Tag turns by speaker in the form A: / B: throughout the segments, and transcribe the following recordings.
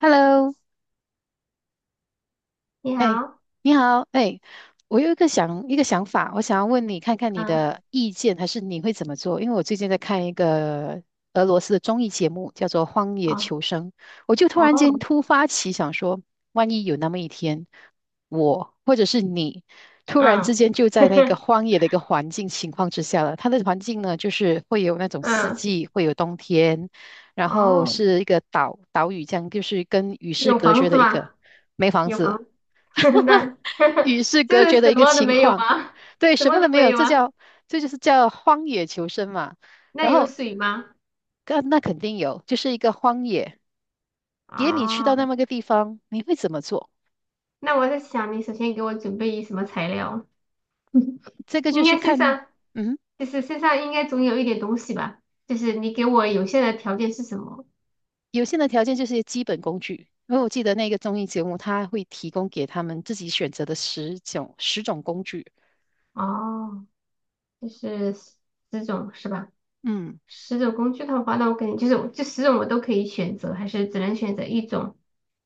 A: Hello，
B: 你
A: 哎，
B: 好。
A: 你好，哎，我有一个想法，我想要问你看看你
B: 嗯。
A: 的意见，还是你会怎么做？因为我最近在看一个俄罗斯的综艺节目，叫做《荒野
B: 哦。
A: 求生》，我就突
B: 哦。
A: 然间突发奇想说，万一有那么一天，我或者是你突然之
B: 嗯。
A: 间就在那个 荒野的一个环境情况之下了，它的环境呢，就是会有那种四
B: 嗯。
A: 季，会有冬天，然后
B: 哦。
A: 是一个岛屿这样，就是跟与世
B: 有
A: 隔
B: 房
A: 绝
B: 子
A: 的一个。
B: 吗？
A: 没房
B: 有房
A: 子。
B: 子。那
A: 与 世
B: 就
A: 隔绝
B: 是
A: 的
B: 什
A: 一个
B: 么都
A: 情
B: 没有
A: 况。
B: 吗？
A: 对，
B: 什
A: 什
B: 么
A: 么
B: 都
A: 都没
B: 没
A: 有，
B: 有啊？
A: 这就是叫荒野求生嘛。
B: 那
A: 然
B: 有
A: 后，
B: 水吗？
A: 那肯定有，就是一个荒野，给你去到那
B: 哦，
A: 么个地方，你会怎么做？
B: 那我在想，你首先给我准备什么材料？
A: 这个就
B: 应
A: 是
B: 该身
A: 看，
B: 上，
A: 嗯，
B: 就是身上应该总有一点东西吧？就是你给我有限的条件是什么？
A: 有限的条件就是基本工具。因为我记得那个综艺节目，它会提供给他们自己选择的十种工具。
B: 哦，就是十种是吧？
A: 嗯。
B: 十种工具的话，那我肯定就是我这十种我都可以选择，还是只能选择一种。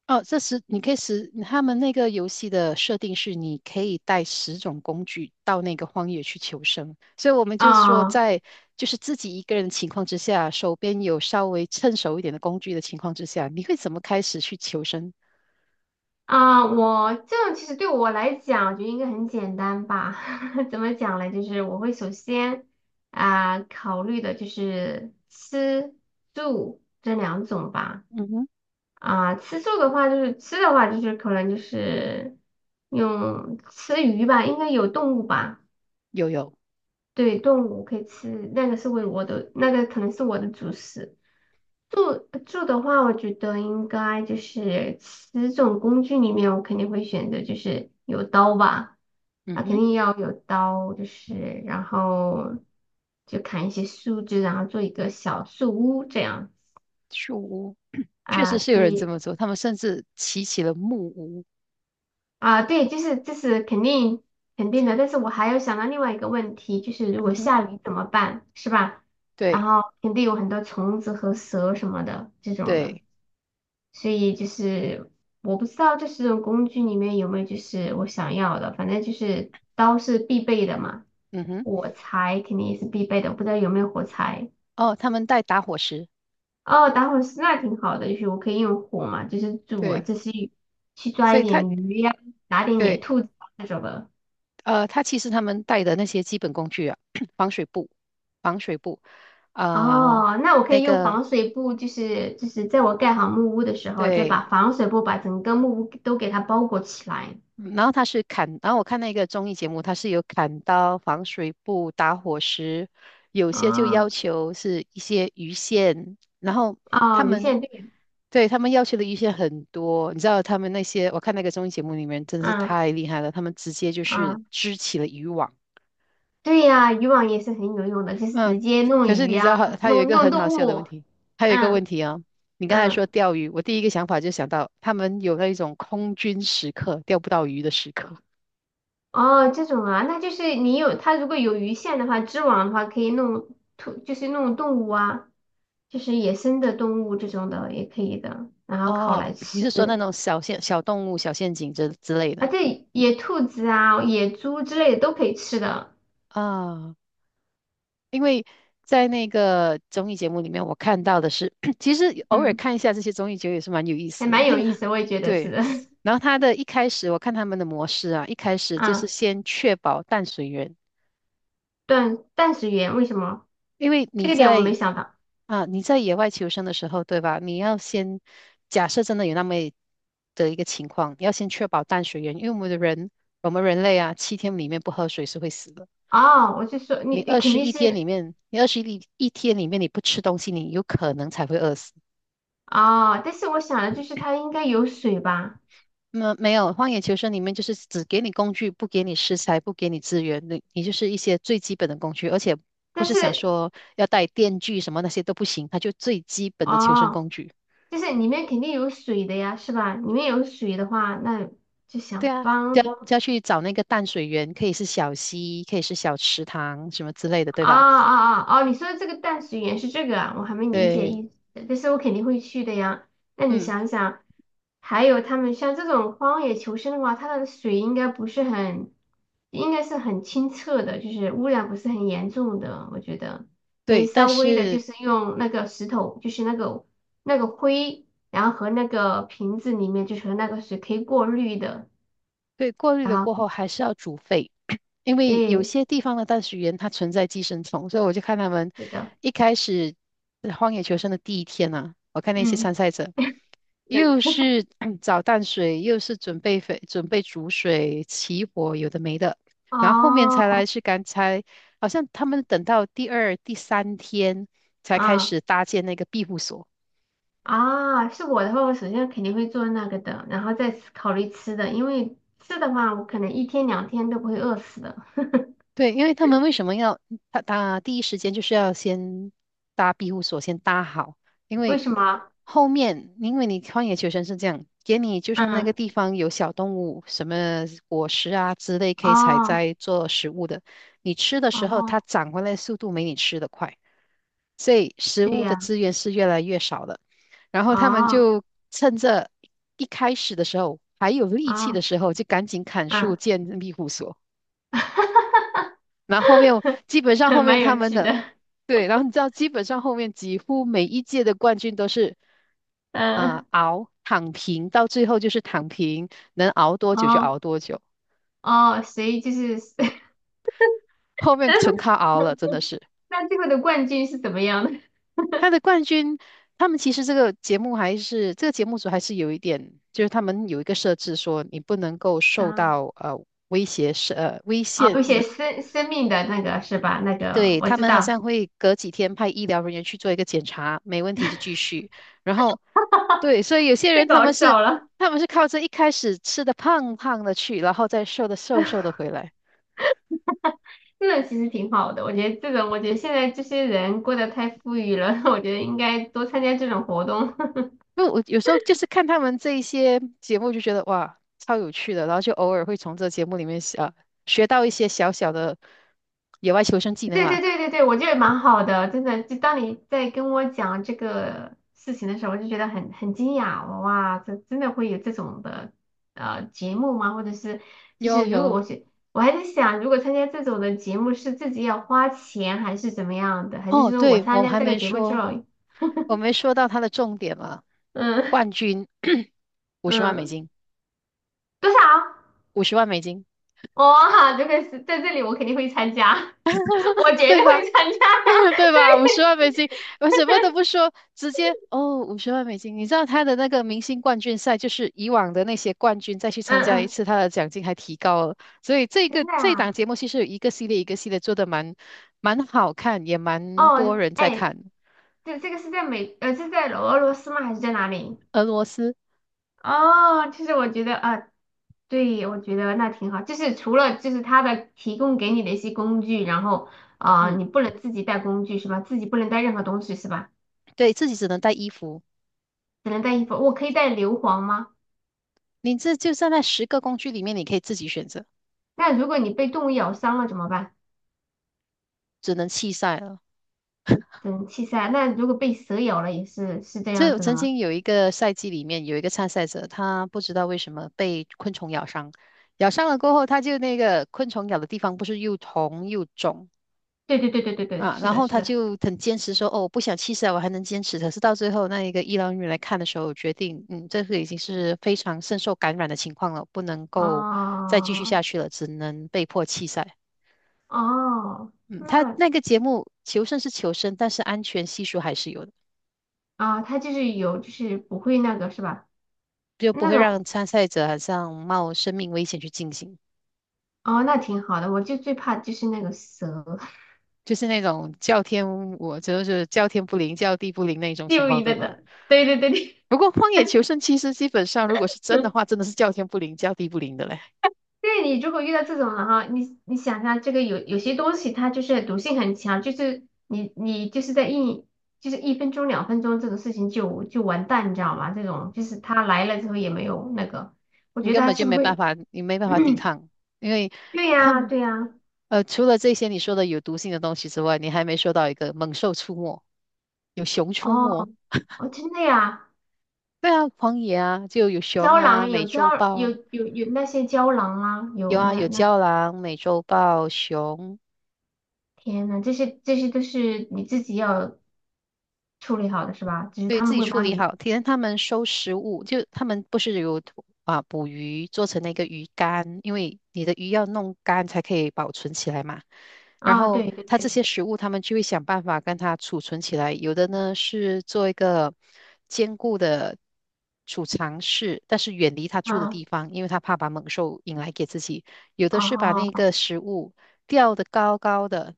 A: 哦，这十你可以十，他们那个游戏的设定是你可以带十种工具到那个荒野去求生，所以我们就是说
B: 啊
A: 在就是自己一个人的情况之下，手边有稍微趁手一点的工具的情况之下，你会怎么开始去求生？
B: 啊！我这样其实对我来讲，我觉得应该很简单吧？怎么讲呢？就是我会首先啊、考虑的就是吃住这两种吧。
A: 嗯哼，
B: 啊、吃住的话就是吃的话就是可能就是用吃鱼吧，应该有动物吧？
A: 有有，
B: 对，动物可以吃，那个是为我的那个可能是我的主食。住住的话，我觉得应该就是十种工具里面，我肯定会选择就是有刀吧。
A: 嗯
B: 啊，肯
A: 哼，
B: 定要有刀，就是然后就砍一些树枝，然后做一个小树屋这样。
A: 树屋确实
B: 啊，
A: 是有人这
B: 对。
A: 么做，他们甚至起了木屋，
B: 啊，对，就是这是肯定的，但是我还有想到另外一个问题，就是如
A: 嗯
B: 果
A: 哼，
B: 下雨怎么办，是吧？然
A: 对
B: 后肯定有很多虫子和蛇什么的这种的。
A: 对，
B: 所以就是我不知道这十种工具里面有没有就是我想要的，反正就是刀是必备的嘛，
A: 嗯哼，
B: 火柴肯定也是必备的，我不知道有没有火柴。
A: 哦，他们带打火石，
B: 哦，打火石那挺好的，就是我可以用火嘛，就是煮啊，
A: 对，
B: 这些去抓
A: 所
B: 一
A: 以他。
B: 点鱼呀、打点野
A: 对。
B: 兔子啊那种的。
A: 他其实他们带的那些基本工具啊，防水布、防水布啊、
B: 哦，那我可
A: 那
B: 以用
A: 个
B: 防水布，就是在我盖好木屋的时候，再把
A: 对，
B: 防水布把整个木屋都给它包裹起来。
A: 嗯然后他是砍，然后我看那个综艺节目，它是有砍刀、防水布、打火石，有些就
B: 啊，
A: 要求是一些鱼线，然后他
B: 哦，鱼
A: 们
B: 线对。
A: 对，他们要求的鱼线很多，你知道他们那些，我看那个综艺节目里面真的是
B: 嗯
A: 太厉害了，他们直接就是
B: 嗯。
A: 织起了渔网。
B: 对呀，渔网也是很有用的，就是直
A: 嗯，
B: 接弄
A: 可是
B: 鱼
A: 你知道它，
B: 呀、
A: 它有一
B: 弄
A: 个
B: 弄
A: 很好
B: 动
A: 笑的问
B: 物。
A: 题，还有一个
B: 嗯
A: 问题啊、你刚才说
B: 嗯。
A: 钓鱼，我第一个想法就想到他们有那一种空军时刻，钓不到鱼的时刻。
B: 哦，这种啊，那就是你有它如果有鱼线的话，织网的话可以弄兔，就是弄动物啊，就是野生的动物这种的也可以的，然后烤
A: 哦，
B: 来
A: 你是说那
B: 吃。
A: 种小陷、小动物、小陷阱之类
B: 啊，
A: 的
B: 对，野兔子啊、野猪之类的都可以吃的。
A: 啊？因为在那个综艺节目里面，我看到的是，其实偶尔
B: 嗯，
A: 看一下这些综艺节目也是蛮有意
B: 还
A: 思的。
B: 蛮有
A: 那
B: 意
A: 个
B: 思，我也 觉得是
A: 对，
B: 的。
A: 然后他的一开始，我看他们的模式啊，一开 始就是
B: 啊，
A: 先确保淡水源。
B: 断食源为什么？
A: 因为
B: 这
A: 你
B: 个点我没
A: 在
B: 想到。
A: 啊，你在野外求生的时候，对吧？你要先假设真的有那么一个情况，你要先确保淡水源，因为我们的人，我们人类啊，7天里面不喝水是会死的。
B: 哦，我就说
A: 你
B: 你
A: 二
B: 肯
A: 十
B: 定
A: 一天里
B: 是。
A: 面，你二十一天里面你不吃东西，你有可能才会饿死。
B: 哦，但是我想的就是它应该有水吧，
A: 那没有，荒野求生里面就是只给你工具，不给你食材，不给你资源，你就是一些最基本的工具，而且不
B: 但
A: 是想
B: 是
A: 说要带电锯什么那些都不行，它就最基本的求生
B: 哦，
A: 工具。
B: 就是里面肯定有水的呀，是吧？里面有水的话，那就
A: 对
B: 想
A: 啊，就
B: 方。
A: 要就要去找那个淡水源，可以是小溪，可以是小池塘什么之类的，对
B: 啊
A: 吧？
B: 啊啊！哦，你说的这个淡水园是这个啊，我还没理解
A: 对，
B: 意思，但是我肯定会去的呀。那你
A: 嗯，
B: 想想，还有他们像这种荒野求生的话，它的水应该不是很，应该是很清澈的，就是污染不是很严重的，我觉得可以
A: 对，但
B: 稍微的，就
A: 是，
B: 是用那个石头，就是那个灰，然后和那个瓶子里面就是那个水可以过滤的，
A: 对，过滤
B: 然
A: 了
B: 后
A: 过后还是要煮沸。因为有
B: 对，
A: 些地方的淡水源它存在寄生虫，所以我就看他们
B: 是的。
A: 一开始荒野求生的第一天啊，我看那些
B: 嗯。
A: 参赛者，又
B: 嗯。
A: 是找淡水，又是准备水，准备煮水、起火，有的没的。然后后面才
B: 哦。
A: 来是刚才，好像他们等到第二、第三天才开
B: 啊。
A: 始搭建那个庇护所。
B: 啊，是我的话，我首先肯定会做那个的，然后再思考虑吃的，因为吃的话，我可能一天两天都不会饿死的。
A: 对，因为他们为什么要他第一时间就是要先搭庇护所，先搭好，因
B: 为
A: 为
B: 什么？
A: 后面因为你荒野求生是这样，给你就算那个
B: 嗯。
A: 地方有小动物，什么果实啊之类可以采
B: 哦。
A: 摘做食物的，你吃的时候它
B: 哦，
A: 长回来的速度没你吃的快，所以食
B: 对
A: 物的
B: 呀。
A: 资源是越来越少的。然后他们
B: 哦。
A: 就趁着一开始的时候还有力气的
B: 哦。
A: 时候，就赶紧砍树
B: 嗯。
A: 建庇护所。然后后面我基本上后 面
B: 蛮
A: 他
B: 有
A: 们
B: 趣
A: 的。
B: 的。
A: 对，然后你知道基本上后面几乎每一届的冠军都是啊、呃
B: 嗯。
A: 熬躺平，到最后就是躺平，能熬多久就熬
B: 哦。
A: 多久，
B: 哦，所以就是，
A: 后面纯靠熬了，真的是
B: 那最后的冠军是怎么样的？
A: 他的冠军。他们其实这个节目还是这个节目组还是有一点，就是他们有一个设置说你不能够受
B: 啊，
A: 到威胁是危
B: 哦，
A: 险。
B: 有写生生命的那个是吧？那个
A: 对，
B: 我
A: 他
B: 知
A: 们好
B: 道。
A: 像会隔几天派医疗人员去做一个检查，没问题就继续。然后，对，所以有些
B: 太
A: 人他
B: 搞
A: 们是
B: 笑了。
A: 他们是靠着一开始吃的胖胖的去，然后再瘦的瘦瘦的回来。
B: 那其实挺好的，我觉得这种，我觉得现在这些人过得太富裕了，我觉得应该多参加这种活动。
A: 因为我有时候就是看他们这一些节目，就觉得哇，超有趣的，然后就偶尔会从这节目里面啊学到一些小小的野外求生技 能
B: 对
A: 嘛。
B: 对对对对，我觉得蛮好的，真的。就当你在跟我讲这个事情的时候，我就觉得很惊讶，哇，这真的会有这种的节目吗？或者是就
A: 有
B: 是如果我
A: 有
B: 是我还在想，如果参加这种的节目是自己要花钱还是怎么样的，还是
A: 哦，
B: 说我
A: 对，我
B: 参
A: 们
B: 加
A: 还
B: 这个
A: 没
B: 节目之
A: 说，
B: 后，
A: 我没说到它的重点嘛，
B: 嗯
A: 冠军五十 万美
B: 嗯，
A: 金。
B: 多少？
A: 50万美金，
B: 哇，这个是在这里，我肯定会参加，我绝
A: 对
B: 对
A: 吧？
B: 会参加。
A: 对吧？五十万
B: 对。
A: 美金，我什么都不说，直接哦，五十万美金。你知道他的那个明星冠军赛，就是以往的那些冠军再去参
B: 嗯
A: 加一
B: 嗯。
A: 次，他的奖金还提高了。所以这
B: 真
A: 个
B: 的
A: 这档
B: 啊。
A: 节目其实有一个系列一个系列做的蛮好看，也蛮多
B: 哦，
A: 人在
B: 哎，
A: 看。
B: 这个是是在俄罗斯吗？还是在哪里？
A: 俄罗斯，
B: 哦，其实我觉得啊，对，我觉得那挺好。就是除了就是他的提供给你的一些工具，然后啊、
A: 嗯，
B: 你不能自己带工具是吧？自己不能带任何东西是吧？
A: 对自己只能带衣服，
B: 只能带衣服。我可以带硫磺吗？
A: 你这就在那10个工具里面，你可以自己选择，
B: 那如果你被动物咬伤了怎么办？
A: 只能弃赛了。
B: 等气塞。那如果被蛇咬了也是这
A: 就是
B: 样
A: 我
B: 子的
A: 曾
B: 吗？
A: 经有一个赛季里面有一个参赛者，他不知道为什么被昆虫咬伤，咬伤了过后，他就那个昆虫咬的地方不是又红又肿
B: 对对对对对对，
A: 啊，
B: 是
A: 然
B: 的，
A: 后
B: 是
A: 他
B: 的。
A: 就很坚持说，哦，我不想弃赛，我还能坚持。可是到最后那一个医疗人员来看的时候，决定，嗯，这个已经是非常深受感染的情况了，不能够再继续
B: 哦
A: 下去了，只能被迫弃赛。
B: 哦，
A: 嗯，他
B: 那
A: 那个节目求胜是求生，但是安全系数还是有的，
B: 啊，它就是有，就是不会那个是吧？
A: 就不
B: 那
A: 会让
B: 种。
A: 参赛者好像冒生命危险去进行。
B: 哦，那挺好的。我就最怕就是那个蛇。
A: 就是那种叫天，我就是叫天不灵，叫地不灵那 种情
B: 就
A: 况，
B: 你
A: 对
B: 的
A: 吧？
B: 的，对对对
A: 不过《荒野求生》其实基本上，如果是真
B: 对。
A: 的 话，真的是叫天不灵，叫地不灵的嘞，
B: 对你如果遇到这种，人哈，你想下这个有些东西它就是毒性很强，就是你就是就是一分钟两分钟这种事情就完蛋，你知道吗？这种就是他来了之后也没有那个，我
A: 你
B: 觉得
A: 根
B: 他
A: 本就
B: 是不是
A: 没办
B: 会？
A: 法，你没办 法抵抗，因为
B: 对
A: 他
B: 呀
A: 们
B: 对呀。
A: 除了这些你说的有毒性的东西之外，你还没说到一个猛兽出没，有熊
B: 哦
A: 出没，
B: 哦，真的呀。
A: 对啊，荒野啊，就有熊
B: 胶
A: 啊，
B: 囊
A: 美
B: 有
A: 洲
B: 胶
A: 豹
B: 有
A: 啊，
B: 有有那些胶囊啊，
A: 有
B: 有
A: 啊，
B: 那
A: 有
B: 那
A: 郊狼、美洲豹、熊，
B: 天呐，这些都是你自己要处理好的是吧？只是
A: 对
B: 他
A: 自
B: 们
A: 己
B: 会
A: 处
B: 帮
A: 理
B: 你。
A: 好。体验他们收食物，就他们不是有啊捕鱼做成那个鱼干，因为你的鱼要弄干才可以保存起来嘛。然
B: 啊，
A: 后
B: 对对
A: 它这
B: 对。
A: 些食物，他们就会想办法跟它储存起来。有的呢是做一个坚固的储藏室，但是远离它住的
B: 啊。
A: 地方，因为它怕把猛兽引来给自己。有的是把那
B: 哦。
A: 个食物吊得高高的，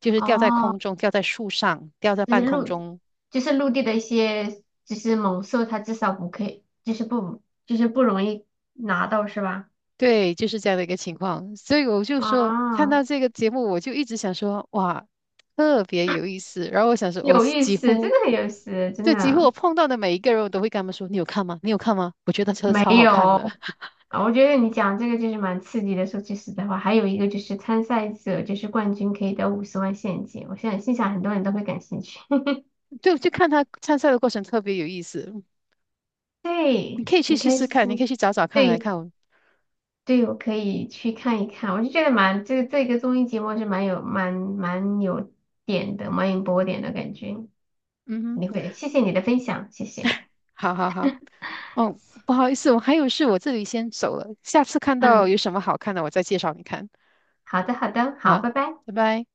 A: 就是吊在
B: 哦，
A: 空中，吊在树上，吊在
B: 就
A: 半
B: 是
A: 空
B: 陆，
A: 中，
B: 就是陆地的一些，就是猛兽，它至少不可以，就是不容易拿到，是吧？
A: 对，就是这样的一个情况，所以我就说，看到
B: 啊，
A: 这个节目，我就一直想说，哇，特别有意思。然后我想说，我
B: 有意
A: 几
B: 思，真
A: 乎，
B: 的很有意思，真
A: 就几乎我
B: 的。
A: 碰到的每一个人，我都会跟他们说，你有看吗？你有看吗？我觉得车
B: 没
A: 超好
B: 有
A: 看的，
B: 啊。我觉得你讲这个就是蛮刺激的。说句实在话，还有一个就是参赛者就是冠军可以得50万现金，我现在心想很多人都会感兴趣。
A: 我就看他参赛的过程特别有意思。你
B: 对，
A: 可以去
B: 很
A: 试
B: 开
A: 试看，你可以
B: 心。
A: 去找找看来
B: 对。
A: 看。
B: 对，我可以去看一看，我就觉得蛮这个综艺节目是蛮有点的，蛮有波点的感觉。
A: 嗯
B: 你
A: 哼，
B: 会，谢谢你的分享，谢谢。
A: 好好好，哦，不好意思，我还有事，我这里先走了，下次看到
B: 嗯，
A: 有什么好看的，我再介绍你看。
B: 好的好的，好，
A: 好，
B: 拜拜。
A: 拜拜。